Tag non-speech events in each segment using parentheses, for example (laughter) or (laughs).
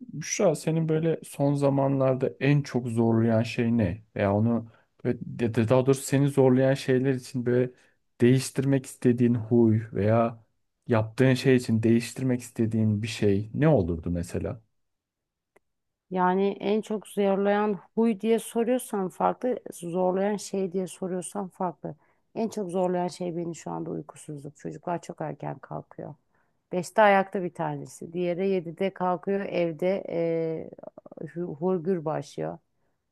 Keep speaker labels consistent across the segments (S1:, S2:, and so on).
S1: Büşra senin böyle son zamanlarda en çok zorlayan şey ne? Veya onu böyle, ya da daha doğrusu seni zorlayan şeyler için böyle değiştirmek istediğin huy veya yaptığın şey için değiştirmek istediğin bir şey ne olurdu mesela?
S2: Yani en çok zorlayan huy diye soruyorsan farklı, zorlayan şey diye soruyorsan farklı. En çok zorlayan şey beni şu anda uykusuzluk. Çocuklar çok erken kalkıyor. Beşte ayakta bir tanesi. Diğeri yedide kalkıyor evde hurgür başlıyor.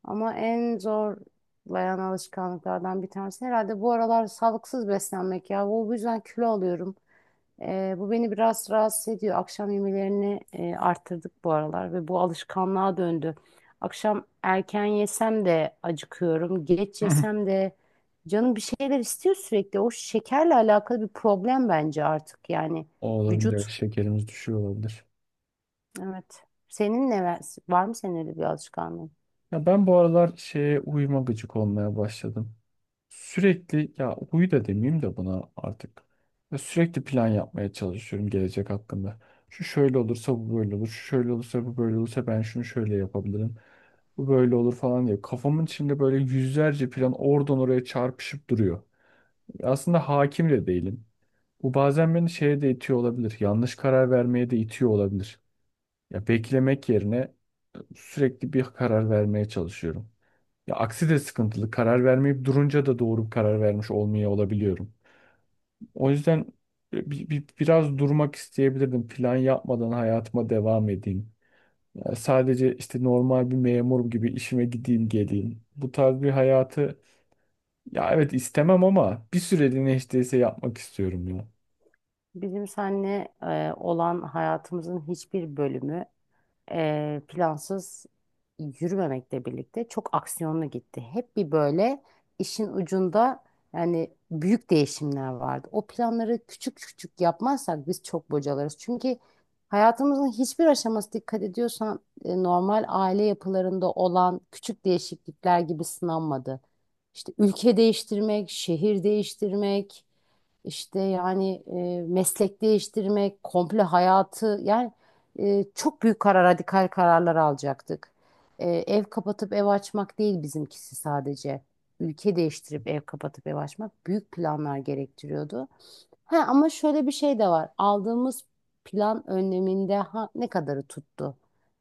S2: Ama en zorlayan alışkanlıklardan bir tanesi herhalde bu aralar sağlıksız beslenmek ya. Bu yüzden kilo alıyorum. Bu beni biraz rahatsız ediyor. Akşam yemelerini arttırdık bu aralar ve bu alışkanlığa döndü. Akşam erken yesem de acıkıyorum. Geç
S1: (laughs) Hı. hı.
S2: yesem de canım bir şeyler istiyor sürekli. O şekerle alakalı bir problem bence artık yani
S1: O olabilir, evet,
S2: vücut.
S1: şekerimiz düşüyor olabilir.
S2: Evet. Senin ne var mı senin öyle bir alışkanlığın?
S1: Ya ben bu aralar şeye uyuma gıcık olmaya başladım. Sürekli ya huyu da demeyeyim de buna artık. Ya sürekli plan yapmaya çalışıyorum gelecek hakkında. Şu şöyle olursa bu böyle olur. Şu şöyle olursa bu böyle olursa ben şunu şöyle yapabilirim. Bu böyle olur falan diye. Kafamın içinde böyle yüzlerce plan oradan oraya çarpışıp duruyor. Aslında hakim de değilim. Bu bazen beni şeye de itiyor olabilir. Yanlış karar vermeye de itiyor olabilir. Ya beklemek yerine sürekli bir karar vermeye çalışıyorum. Ya aksi de sıkıntılı. Karar vermeyip durunca da doğru bir karar vermiş olmaya olabiliyorum. O yüzden biraz durmak isteyebilirdim. Plan yapmadan hayatıma devam edeyim. Ya sadece işte normal bir memur gibi işime gideyim geleyim. Bu tarz bir hayatı ya evet istemem ama bir süreliğine hiç değilse yapmak istiyorum ya.
S2: Bizim seninle olan hayatımızın hiçbir bölümü, plansız yürümemekle birlikte çok aksiyonlu gitti. Hep bir böyle işin ucunda yani büyük değişimler vardı. O planları küçük küçük yapmazsak biz çok bocalarız. Çünkü hayatımızın hiçbir aşaması dikkat ediyorsan normal aile yapılarında olan küçük değişiklikler gibi sınanmadı. İşte ülke değiştirmek, şehir değiştirmek, işte yani meslek değiştirmek, komple hayatı yani çok büyük karar, radikal kararlar alacaktık. Ev kapatıp ev açmak değil bizimkisi sadece. Ülke değiştirip ev kapatıp ev açmak büyük planlar gerektiriyordu. Ha, ama şöyle bir şey de var. Aldığımız plan önleminde ha, ne kadarı tuttu?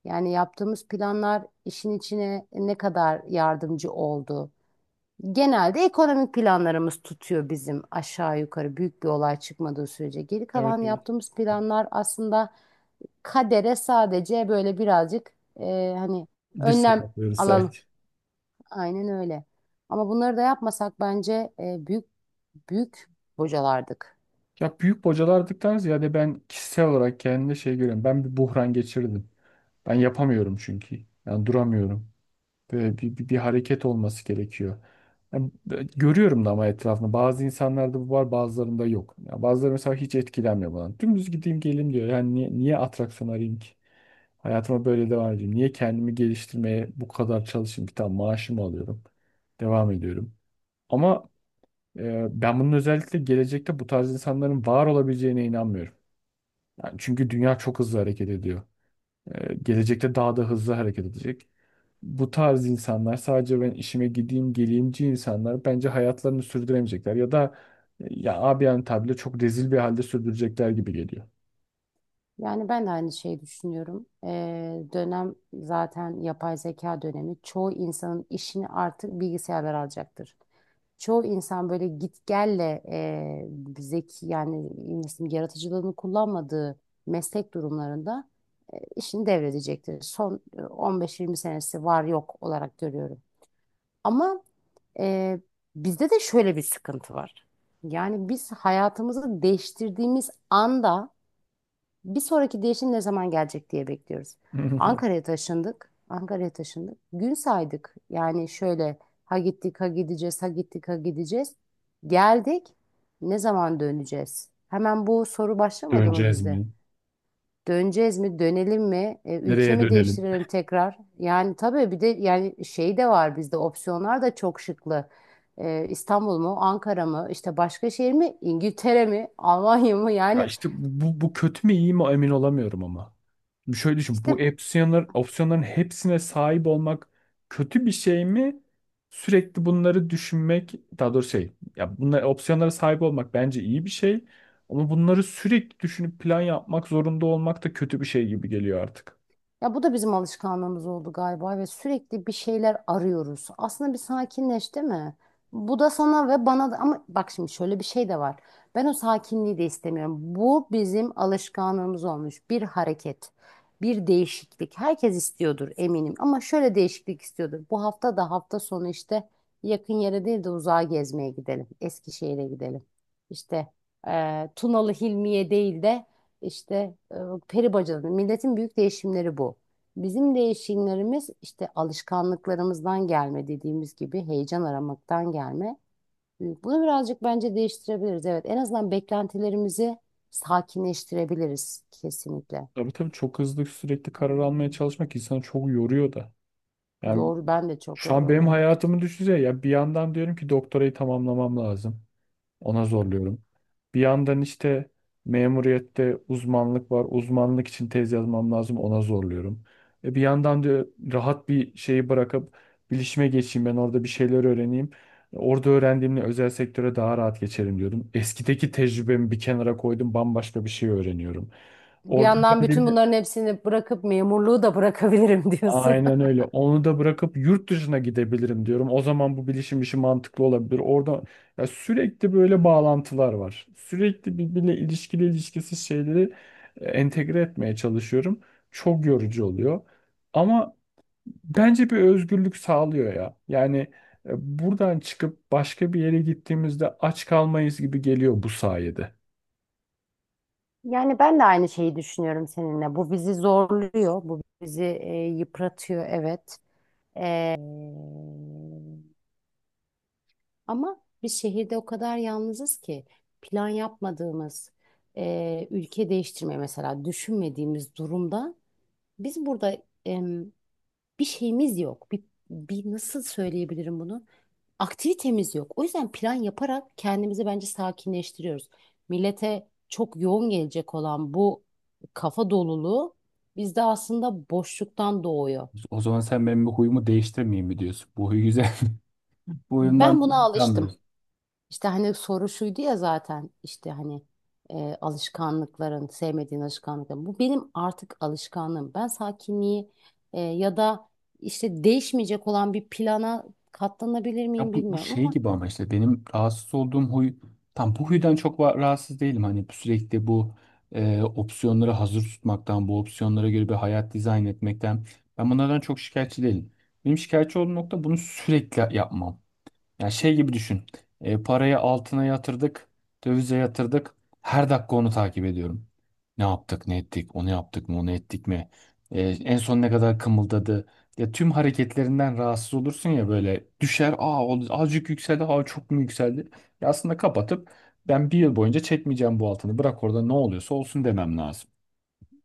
S2: Yani yaptığımız planlar işin içine ne kadar yardımcı oldu? Genelde ekonomik planlarımız tutuyor bizim aşağı yukarı büyük bir olay çıkmadığı sürece. Geri kalan
S1: Evet, evet.
S2: yaptığımız planlar aslında kadere sadece böyle birazcık hani
S1: Dirsek
S2: önlem
S1: atlıyoruz
S2: alalım.
S1: sanki.
S2: Aynen öyle. Ama bunları da yapmasak bence büyük büyük bocalardık.
S1: Ya büyük bocalardıktan ziyade ben kişisel olarak kendimde şey görüyorum. Ben bir buhran geçirdim. Ben yapamıyorum çünkü. Yani duramıyorum. Böyle bir hareket olması gerekiyor. Yani görüyorum da ama etrafında. Bazı insanlarda bu var, bazılarında yok. Yani bazıları mesela hiç etkilenmiyor bundan. Dümdüz gideyim geleyim diyor. Yani niye atraksiyon arayayım ki? Hayatıma böyle devam edeyim. Niye kendimi geliştirmeye bu kadar çalışayım? Bir tane maaşımı alıyorum. Devam ediyorum. Ama ben bunun özellikle gelecekte bu tarz insanların var olabileceğine inanmıyorum. Yani çünkü dünya çok hızlı hareket ediyor. Gelecekte daha da hızlı hareket edecek bu tarz insanlar, sadece ben işime gideyim geleyimci insanlar bence hayatlarını sürdüremeyecekler ya da ya abi yani tabirle çok rezil bir halde sürdürecekler gibi geliyor.
S2: Yani ben de aynı şeyi düşünüyorum. Dönem zaten yapay zeka dönemi. Çoğu insanın işini artık bilgisayarlar alacaktır. Çoğu insan böyle git gelle zeki yani nasıl diyeyim, yaratıcılığını kullanmadığı meslek durumlarında işini devredecektir. Son 15-20 senesi var yok olarak görüyorum. Ama e, bizde de şöyle bir sıkıntı var. Yani biz hayatımızı değiştirdiğimiz anda bir sonraki değişim ne zaman gelecek diye bekliyoruz.
S1: (laughs)
S2: Ankara'ya taşındık. Ankara'ya taşındık. Gün saydık. Yani şöyle ha gittik ha gideceğiz ha gittik ha gideceğiz. Geldik. Ne zaman döneceğiz? Hemen bu soru başlamadı mı
S1: Döneceğiz
S2: bizde?
S1: mi?
S2: Döneceğiz mi? Dönelim mi? E, ülke
S1: Nereye
S2: mi
S1: dönelim?
S2: değiştirelim tekrar? Yani tabii bir de yani şey de var bizde opsiyonlar da çok şıklı. E, İstanbul mu? Ankara mı? İşte başka şehir mi? İngiltere mi? Almanya mı?
S1: Ya
S2: Yani
S1: işte bu kötü mü iyi mi emin olamıyorum ama. Şimdi şöyle düşün. Bu
S2: işte
S1: opsiyonlar, opsiyonların hepsine sahip olmak kötü bir şey mi? Sürekli bunları düşünmek, daha doğrusu şey, ya bunlar opsiyonlara sahip olmak bence iyi bir şey. Ama bunları sürekli düşünüp plan yapmak zorunda olmak da kötü bir şey gibi geliyor artık.
S2: ya bu da bizim alışkanlığımız oldu galiba ve sürekli bir şeyler arıyoruz. Aslında bir sakinleş, değil mi? Bu da sana ve bana da ama bak şimdi şöyle bir şey de var. Ben o sakinliği de istemiyorum. Bu bizim alışkanlığımız olmuş. Bir hareket, bir değişiklik. Herkes istiyordur eminim ama şöyle değişiklik istiyordur. Bu hafta da hafta sonu işte yakın yere değil de uzağa gezmeye gidelim. Eskişehir'e gidelim. İşte Tunalı Hilmi'ye değil de işte peri bacaları, milletin büyük değişimleri bu. Bizim değişimlerimiz işte alışkanlıklarımızdan gelme dediğimiz gibi heyecan aramaktan gelme. Bunu birazcık bence değiştirebiliriz. Evet, en azından beklentilerimizi sakinleştirebiliriz kesinlikle.
S1: Tabii, tabii çok hızlı sürekli karar almaya çalışmak insanı çok yoruyor da. Yani
S2: Yor, ben de çok
S1: şu an
S2: yorgunum,
S1: benim
S2: evet.
S1: hayatımı düşünsene ya, bir yandan diyorum ki doktorayı tamamlamam lazım. Ona zorluyorum. Bir yandan işte memuriyette uzmanlık var. Uzmanlık için tez yazmam lazım. Ona zorluyorum. E bir yandan da rahat bir şeyi bırakıp bilişime geçeyim. Ben orada bir şeyler öğreneyim. Orada öğrendiğimle özel sektöre daha rahat geçerim diyordum. Eskideki tecrübemi bir kenara koydum. Bambaşka bir şey öğreniyorum.
S2: Bir
S1: Orada
S2: yandan bütün bunların hepsini bırakıp memurluğu da bırakabilirim (laughs) diyorsun.
S1: aynen öyle. Onu da bırakıp yurt dışına gidebilirim diyorum. O zaman bu bilişim işi mantıklı olabilir. Orada ya sürekli böyle bağlantılar var. Sürekli birbiriyle ilişkili ilişkisiz şeyleri entegre etmeye çalışıyorum. Çok yorucu oluyor. Ama bence bir özgürlük sağlıyor ya. Yani buradan çıkıp başka bir yere gittiğimizde aç kalmayız gibi geliyor bu sayede.
S2: Yani ben de aynı şeyi düşünüyorum seninle. Bu bizi zorluyor, bu bizi yıpratıyor, evet. Ee, Ama biz şehirde o kadar yalnızız ki plan yapmadığımız, ülke değiştirme mesela düşünmediğimiz durumda biz burada bir şeyimiz yok. Bir nasıl söyleyebilirim bunu? Aktivitemiz yok. O yüzden plan yaparak kendimizi bence sakinleştiriyoruz. Millete çok yoğun gelecek olan bu kafa doluluğu bizde aslında boşluktan doğuyor.
S1: O zaman sen benim bu huyumu değiştirmeyeyim mi diyorsun? Bu huy güzel. (laughs) Bu huyumdan
S2: Ben buna alıştım.
S1: anlıyorsun.
S2: İşte hani soru şuydu ya zaten işte hani alışkanlıkların, sevmediğin alışkanlıkların. Bu benim artık alışkanlığım. Ben sakinliği ya da işte değişmeyecek olan bir plana katlanabilir
S1: Ya
S2: miyim
S1: bu, bu
S2: bilmiyorum
S1: şey
S2: ama.
S1: gibi ama işte benim rahatsız olduğum huy tam bu huydan çok rahatsız değilim. Hani sürekli bu opsiyonları hazır tutmaktan, bu opsiyonlara göre bir hayat dizayn etmekten ben bunlardan çok şikayetçi değilim. Benim şikayetçi olduğum nokta bunu sürekli yapmam. Yani şey gibi düşün. E, parayı altına yatırdık, dövize yatırdık. Her dakika onu takip ediyorum. Ne yaptık, ne ettik, onu yaptık mı, onu ettik mi? E, en son ne kadar kımıldadı? Ya tüm hareketlerinden rahatsız olursun ya, böyle düşer, aa o azıcık yükseldi, aa çok mu yükseldi? Ya aslında kapatıp ben bir yıl boyunca çekmeyeceğim bu altını. Bırak orada ne oluyorsa olsun demem lazım.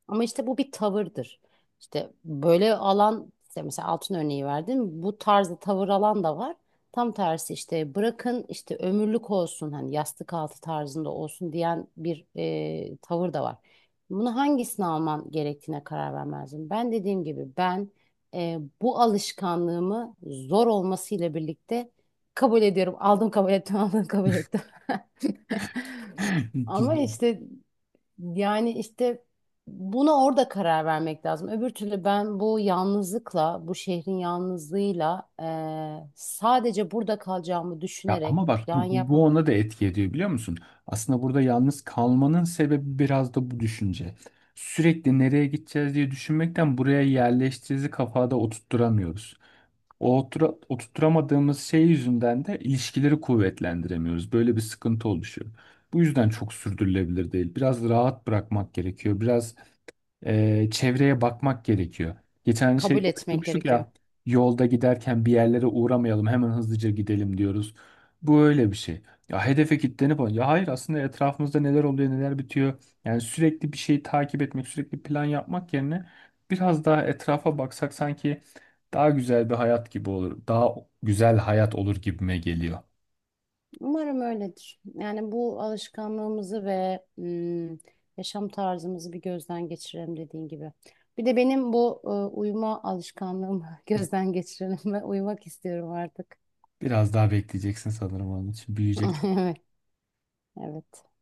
S2: Ama işte bu bir tavırdır. İşte böyle alan işte mesela altın örneği verdim. Bu tarzda tavır alan da var. Tam tersi işte bırakın işte ömürlük olsun hani yastık altı tarzında olsun diyen bir tavır da var. Bunu hangisini alman gerektiğine karar vermezdim. Ben dediğim gibi ben bu alışkanlığımı zor olmasıyla birlikte kabul ediyorum. Aldım kabul ettim, (laughs) aldım kabul ettim.
S1: (laughs)
S2: (laughs) Ama
S1: Güzel.
S2: işte yani işte buna orada karar vermek lazım. Öbür türlü ben bu yalnızlıkla, bu şehrin yalnızlığıyla sadece burada kalacağımı
S1: Ya ama
S2: düşünerek
S1: bak
S2: plan yap,
S1: bu ona da etki ediyor biliyor musun? Aslında burada yalnız kalmanın sebebi biraz da bu düşünce. Sürekli nereye gideceğiz diye düşünmekten buraya yerleştiğimizi kafada oturtturamıyoruz. O oturtturamadığımız şey yüzünden de ilişkileri kuvvetlendiremiyoruz. Böyle bir sıkıntı oluşuyor. Bu yüzden çok sürdürülebilir değil. Biraz rahat bırakmak gerekiyor. Biraz çevreye bakmak gerekiyor. Geçen hani şey
S2: kabul etmek
S1: konuşmuştuk
S2: gerekiyor.
S1: ya, yolda giderken bir yerlere uğramayalım hemen hızlıca gidelim diyoruz. Bu öyle bir şey. Ya hedefe kilitlenip ya hayır aslında etrafımızda neler oluyor neler bitiyor. Yani sürekli bir şeyi takip etmek sürekli plan yapmak yerine biraz daha etrafa baksak sanki daha güzel bir hayat gibi olur. Daha güzel hayat olur gibime geliyor.
S2: Umarım öyledir. Yani bu alışkanlığımızı ve yaşam tarzımızı bir gözden geçirelim dediğin gibi. Bir de benim bu uyuma alışkanlığımı (laughs) gözden geçirelim ve uyumak istiyorum artık.
S1: Biraz daha bekleyeceksin sanırım onun için.
S2: (laughs)
S1: Büyüyecek
S2: Evet, evet.